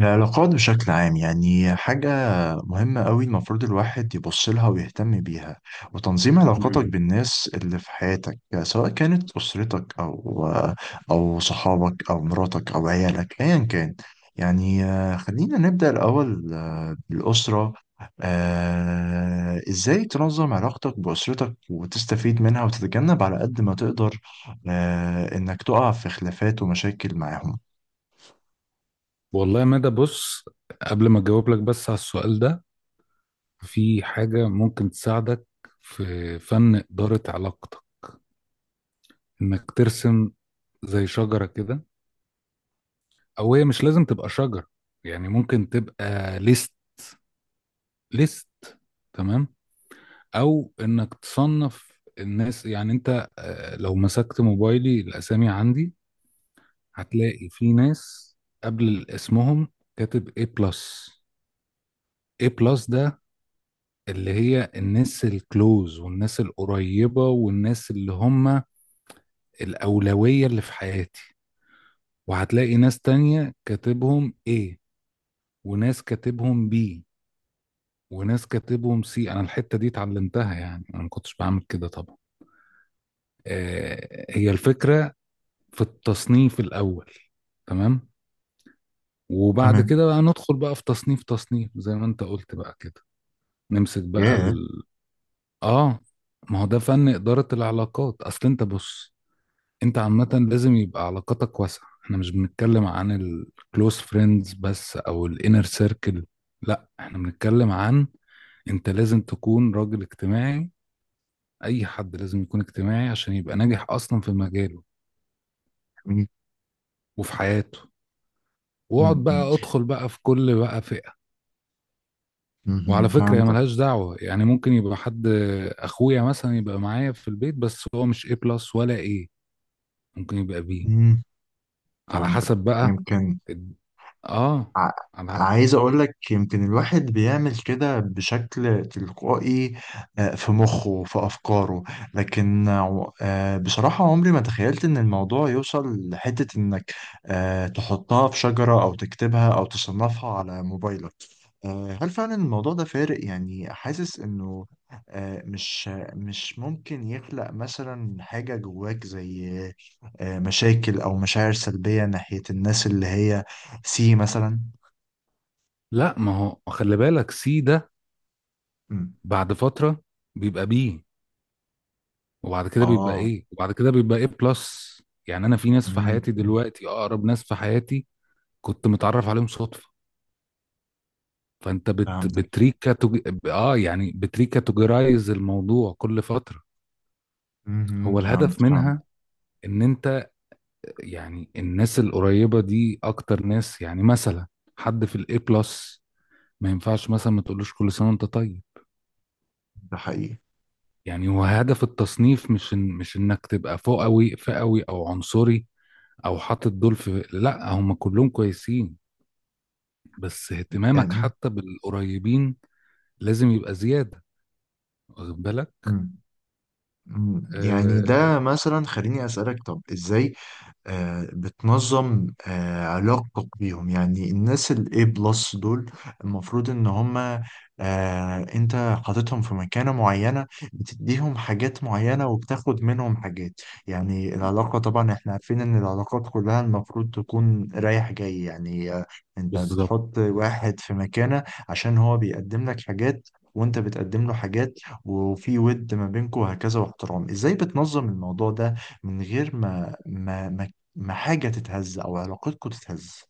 العلاقات بشكل عام يعني حاجة مهمة قوي. المفروض الواحد يبص لها ويهتم بيها، وتنظيم علاقاتك مم. بالناس اللي في حياتك سواء كانت أسرتك أو صحابك أو مراتك أو عيالك أيا كان. يعني خلينا نبدأ الأول بالأسرة. إزاي تنظم علاقتك بأسرتك وتستفيد منها وتتجنب على قد ما تقدر إنك تقع في خلافات ومشاكل معاهم. والله يا مدى بص، قبل ما اجاوب لك بس على السؤال ده، في حاجة ممكن تساعدك في فن إدارة علاقتك، انك ترسم زي شجرة كده، او هي مش لازم تبقى شجرة. يعني ممكن تبقى ليست، ليست تمام او انك تصنف الناس. يعني انت لو مسكت موبايلي الاسامي عندي، هتلاقي في ناس قبل اسمهم كاتب A بلس. A بلس ده اللي هي الناس الكلوز والناس القريبة والناس اللي هم الأولوية اللي في حياتي. وهتلاقي ناس تانية كاتبهم ايه، وناس كاتبهم بي، وناس كاتبهم سي. أنا الحتة دي اتعلمتها، يعني أنا ما كنتش بعمل كده طبعا. آه، هي الفكرة في التصنيف الأول، تمام. وبعد تمام. كده بقى ندخل بقى في تصنيف تصنيف زي ما أنت قلت بقى كده. نمسك بقى ياه. آه، ما هو ده فن إدارة العلاقات. أصل أنت بص، انت عامة لازم يبقى علاقاتك واسعة. احنا مش بنتكلم عن الكلوز فريندز بس او الانر سيركل، لا احنا بنتكلم عن انت لازم تكون راجل اجتماعي. اي حد لازم يكون اجتماعي عشان يبقى ناجح اصلا في مجاله وفي حياته. واقعد مم. بقى ادخل بقى في كل بقى فئة. وعلى مم. فكرة هي فهمتك. ملهاش دعوة، يعني ممكن يبقى حد اخويا مثلا يبقى معايا في البيت بس هو مش ايه بلس ولا ايه، ممكن يبقى بي مم. على فهمتك. حسب بقى. يمكن اه، ع... على، عايز اقول لك يمكن الواحد بيعمل كده بشكل تلقائي. في مخه، في افكاره. لكن بصراحة عمري ما تخيلت ان الموضوع يوصل لحتة انك تحطها في شجرة او تكتبها او تصنفها على موبايلك. هل فعلا الموضوع ده فارق؟ يعني حاسس انه مش ممكن يخلق مثلا حاجة جواك زي مشاكل او مشاعر سلبية ناحية الناس اللي هي سي مثلا. لا ما هو خلي بالك سي ده مم. بعد فترة بيبقى بي، وبعد كده بيبقى اه. ايه، وبعد كده بيبقى ايه بلس. يعني انا في ناس في مم. حياتي مم. دلوقتي اقرب ناس في حياتي كنت متعرف عليهم صدفة. فانت فهمتك. بتريكاتوج، اه، يعني بتريكاتوجرايز الموضوع كل فترة. مم. هو فهمت الهدف فهمت. منها ان انت، يعني الناس القريبة دي اكتر ناس، يعني مثلا حد في الاي بلس ما ينفعش مثلا ما تقولوش كل سنة وانت طيب. ده حقيقي يعني هو هدف التصنيف مش إن، مش انك تبقى فوقوي فئوي او عنصري او حاطط دول في، لا هم كلهم كويسين، بس اهتمامك يعني. حتى بالقريبين لازم يبقى زيادة، واخد بالك. مم. مم. يعني آه، ده مثلا، خليني اسألك طب ازاي بتنظم علاقتك بيهم؟ يعني الناس الاي بلس دول المفروض ان هما انت حاططهم في مكانة معينة، بتديهم حاجات معينة وبتاخد منهم حاجات. يعني العلاقة طبعا احنا عارفين ان العلاقات كلها المفروض تكون رايح جاي. يعني انت بالظبط. بتحط واحد في مكانة عشان هو بيقدم لك حاجات، وانت بتقدم له حاجات، وفي ود ما بينكم وهكذا واحترام. ازاي بتنظم الموضوع ده من غير ما حاجة تتهز أو علاقتكم تتهز؟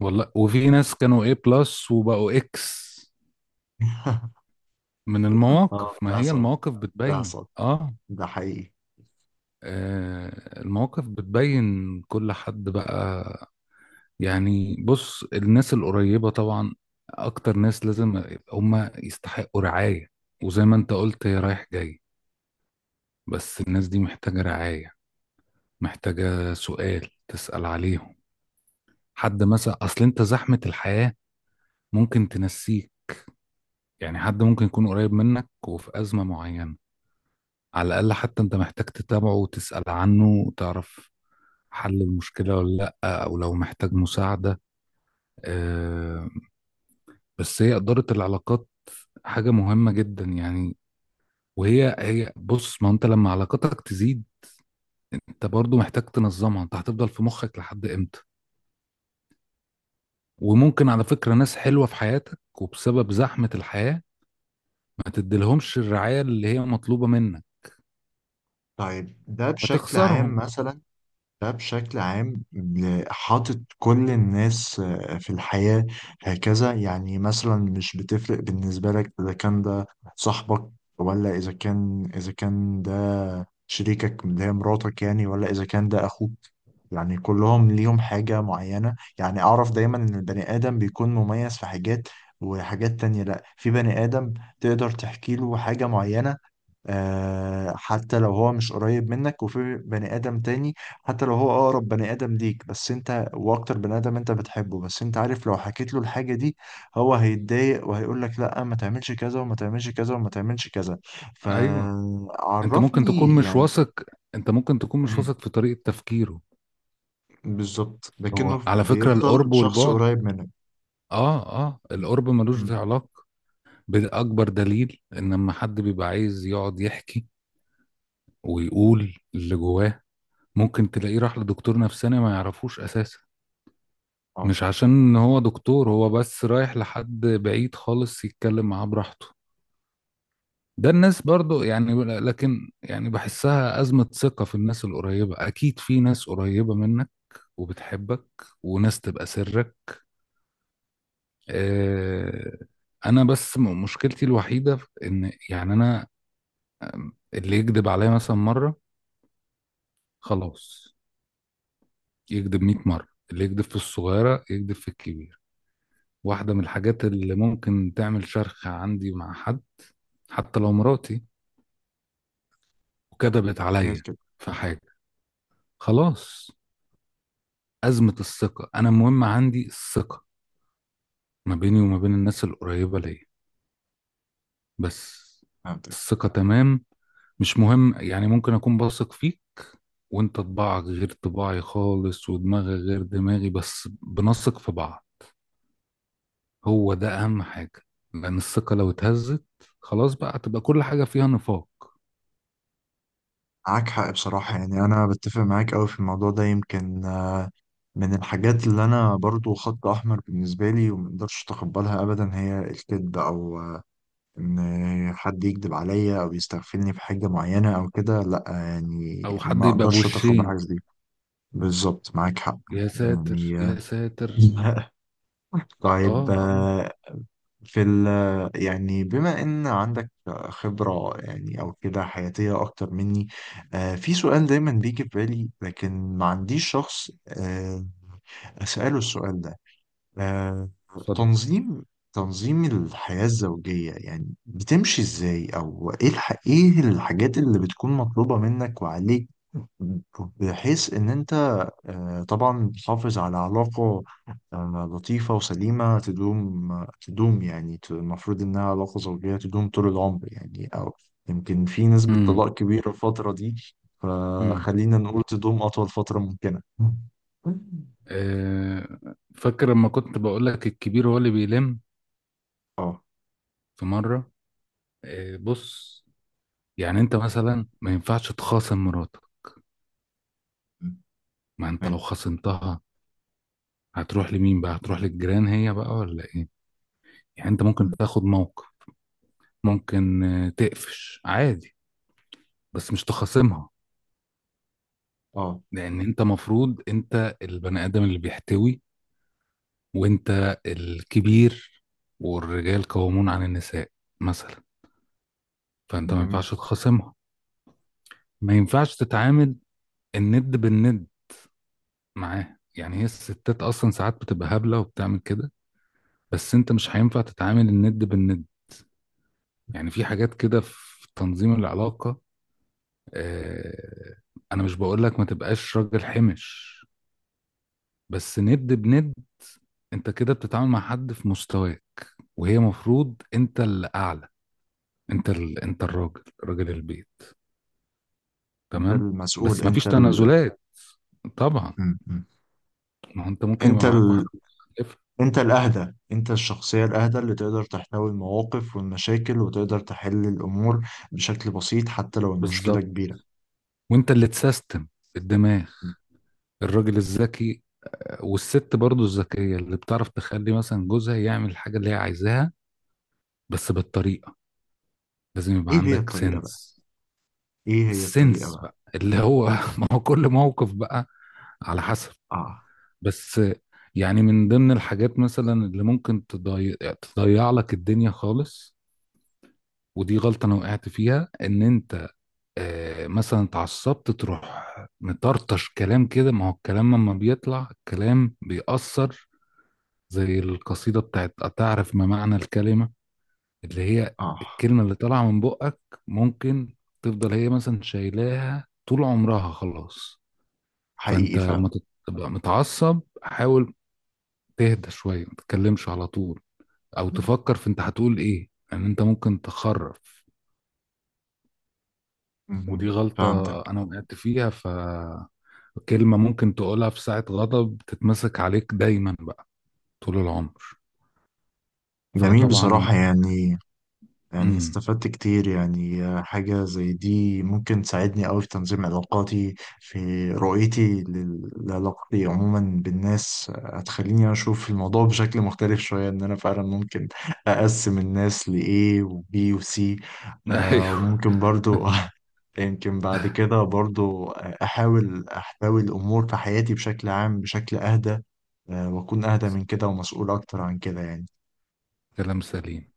والله وفي ناس كانوا ايه بلس وبقوا اكس. من اه، المواقف، ده ما هي حصل. المواقف ده بتبين حصل. ده حقيقي. آه، المواقف بتبين كل حد بقى. يعني بص، الناس القريبة طبعا أكتر ناس لازم هم يستحقوا رعاية. وزي ما أنت قلت هي رايح جاي، بس الناس دي محتاجة رعاية، محتاجة سؤال تسأل عليهم. حد مثلا، أصل أنت زحمة الحياة ممكن تنسيك. يعني حد ممكن يكون قريب منك وفي أزمة معينة، على الأقل حتى أنت محتاج تتابعه وتسأل عنه وتعرف حل المشكلة ولا لأ، أو لو محتاج مساعدة. آه، بس هي إدارة العلاقات حاجة مهمة جدا يعني. وهي بص، ما انت لما علاقتك تزيد انت برضو محتاج تنظمها. انت هتفضل في مخك لحد امتى؟ وممكن على فكرة ناس حلوة في حياتك وبسبب زحمة الحياة ما تديلهمش الرعاية اللي هي مطلوبة منك، طيب، ده بشكل عام فتخسرهم. مثلا. ده بشكل عام حاطط كل الناس في الحياة هكذا. يعني مثلا مش بتفرق بالنسبة لك إذا كان ده صاحبك، ولا إذا كان ده شريكك اللي هي مراتك يعني، ولا إذا كان ده أخوك. يعني كلهم ليهم حاجة معينة. يعني أعرف دايما إن البني آدم بيكون مميز في حاجات، وحاجات تانية لأ. في بني آدم تقدر تحكي له حاجة معينة حتى لو هو مش قريب منك، وفي بني آدم تاني حتى لو هو أقرب بني آدم ليك، بس أنت وأكتر بني آدم أنت بتحبه، بس أنت عارف لو حكيت له الحاجة دي هو هيتضايق وهيقول لك لأ ما تعملش كذا وما تعملش كذا وما تعملش كذا. ايوه، انت ممكن تكون فعرفني مش يعني. واثق، انت ممكن تكون مش مم. واثق في طريقة تفكيره. بالظبط، هو لكنه على فكرة بيفضل القرب شخص والبعد، قريب منك. اه، اه، مم. القرب ملوش، مم. ده علاقة بأكبر دليل ان لما حد بيبقى عايز يقعد يحكي ويقول اللي جواه، ممكن تلاقيه راح لدكتور نفساني ما يعرفوش اساسا. اه. مش عشان ان هو دكتور، هو بس رايح لحد بعيد خالص يتكلم معاه براحته. ده الناس برضو يعني، لكن يعني بحسها أزمة ثقة في الناس القريبة. أكيد في ناس قريبة منك وبتحبك وناس تبقى سرك. آه، أنا بس مشكلتي الوحيدة في إن يعني أنا، اللي يكذب عليا مثلا مرة، خلاص، يكذب 100 مرة. اللي يكذب في الصغيرة يكذب في الكبيرة. واحدة من الحاجات اللي ممكن تعمل شرخ عندي مع حد، حتى لو مراتي وكذبت هي عليا كده. في حاجة، خلاص. أزمة الثقة، أنا المهم عندي الثقة ما بيني وما بين الناس القريبة ليا، بس. فهمتك. الثقة تمام، مش مهم، يعني ممكن أكون بثق فيك وأنت طباعك غير طباعي خالص ودماغي غير دماغي، بس بنثق في بعض، هو ده أهم حاجة. لأن الثقة لو اتهزت، خلاص بقى هتبقى كل حاجة فيها نفاق. معاك حق بصراحة. يعني أنا بتفق معاك أوي في الموضوع ده. يمكن من الحاجات اللي أنا برضو خط أحمر بالنسبة لي ومقدرش أتقبلها أبدا هي الكذب، أو إن حد يكذب عليا أو يستغفلني في حاجة معينة أو كده. لأ يعني أو حد ما يبقى أقدرش أتقبل حاجة بوشين، زي دي. بالظبط، معاك حق. يا ساتر يعني يا ساتر. اه طيب اه. في ال يعني بما ان عندك خبرة يعني او كده حياتية اكتر مني. في سؤال دايما بيجي في بالي لكن ما عنديش شخص اسأله السؤال ده. آه، صد. تنظيم الحياة الزوجية يعني بتمشي ازاي، او ايه ايه الحاجات اللي بتكون مطلوبة منك وعليك؟ بحيث ان انت طبعا تحافظ على علاقة لطيفة وسليمة تدوم. يعني المفروض إنها علاقة زوجية تدوم طول العمر يعني، أو يمكن في نسبة امم. طلاق كبيرة الفترة دي. امم. فخلينا نقول تدوم أطول فترة ممكنة. آه، فاكر لما كنت بقول لك الكبير هو اللي بيلم؟ اه. في مره، آه، بص، يعني انت مثلا ما ينفعش تخاصم مراتك. ما انت لو تمام. خاصمتها هتروح لمين بقى؟ هتروح للجيران هي بقى ولا ايه؟ يعني انت ممكن تاخد موقف، ممكن تقفش عادي، بس مش تخاصمها. اه. لان انت مفروض انت البني ادم اللي بيحتوي، وانت الكبير، والرجال قوامون عن النساء مثلا. فانت ما جميل. ينفعش تخاصمها، ما ينفعش تتعامل الند بالند معاها. يعني هي الستات اصلا ساعات بتبقى هبله وبتعمل كده، بس انت مش هينفع تتعامل الند بالند. يعني في حاجات كده في تنظيم العلاقه، آه، انا مش بقول لك ما تبقاش راجل حمش، بس ند بند انت كده بتتعامل مع حد في مستواه، وهي مفروض انت اللي اعلى. انت انت الراجل، راجل البيت، انت تمام. المسؤول. بس ما فيش تنازلات، طبعا. م- م. ما هو انت ممكن انت يبقى معاك واحد ال... مختلفة. انت الاهدى، انت الشخصية الاهدى اللي تقدر تحتوي المواقف والمشاكل وتقدر تحل الامور بشكل بسيط حتى لو المشكلة بالظبت. كبيرة. وانت اللي تسيستم الدماغ، الراجل الذكي، والست برضو الذكية اللي بتعرف تخلي مثلا جوزها يعمل الحاجة اللي هي عايزاها، بس بالطريقة. لازم يبقى ايه هي عندك الطريقة بقى؟ سنس. ايه هي الطريقة السنس بقى؟ بقى اللي هو ما هو كل موقف بقى على حسب. اه. بس يعني من ضمن الحاجات مثلا اللي ممكن تضيع، تضيع لك الدنيا خالص، ودي غلطة انا وقعت فيها، ان انت مثلا اتعصبت تروح مطرطش كلام كده. ما هو الكلام لما بيطلع الكلام بيأثر، زي القصيدة بتاعت أتعرف ما معنى الكلمة، اللي هي اه. الكلمة اللي طالعة من بقك ممكن تفضل هي مثلا شايلاها طول عمرها، خلاص. حقيقي فأنت لما فعلا. تبقى متعصب حاول تهدى شوية، ما تتكلمش على طول، أو تفكر في أنت هتقول إيه. لأن يعني أنت ممكن تخرف. ودي مهم. فهمتك. غلطة أنا وقعت فيها، فكلمة ممكن تقولها في ساعة غضب تتمسك عليك دايما بقى طول العمر. جميل فطبعا. بصراحة يعني. يعني امم. استفدت كتير. يعني حاجة زي دي ممكن تساعدني أوي في تنظيم علاقاتي، في رؤيتي لعلاقتي عموما بالناس. هتخليني أشوف الموضوع بشكل مختلف شوية، إن أنا فعلا ممكن أقسم الناس لإيه وبي وسي. أيوه. وممكن برضو يمكن بعد كده برضو أحاول أحتوي الأمور في حياتي بشكل عام بشكل أهدى. وأكون أهدى من كده ومسؤول أكتر عن كده يعني. كلام سليم.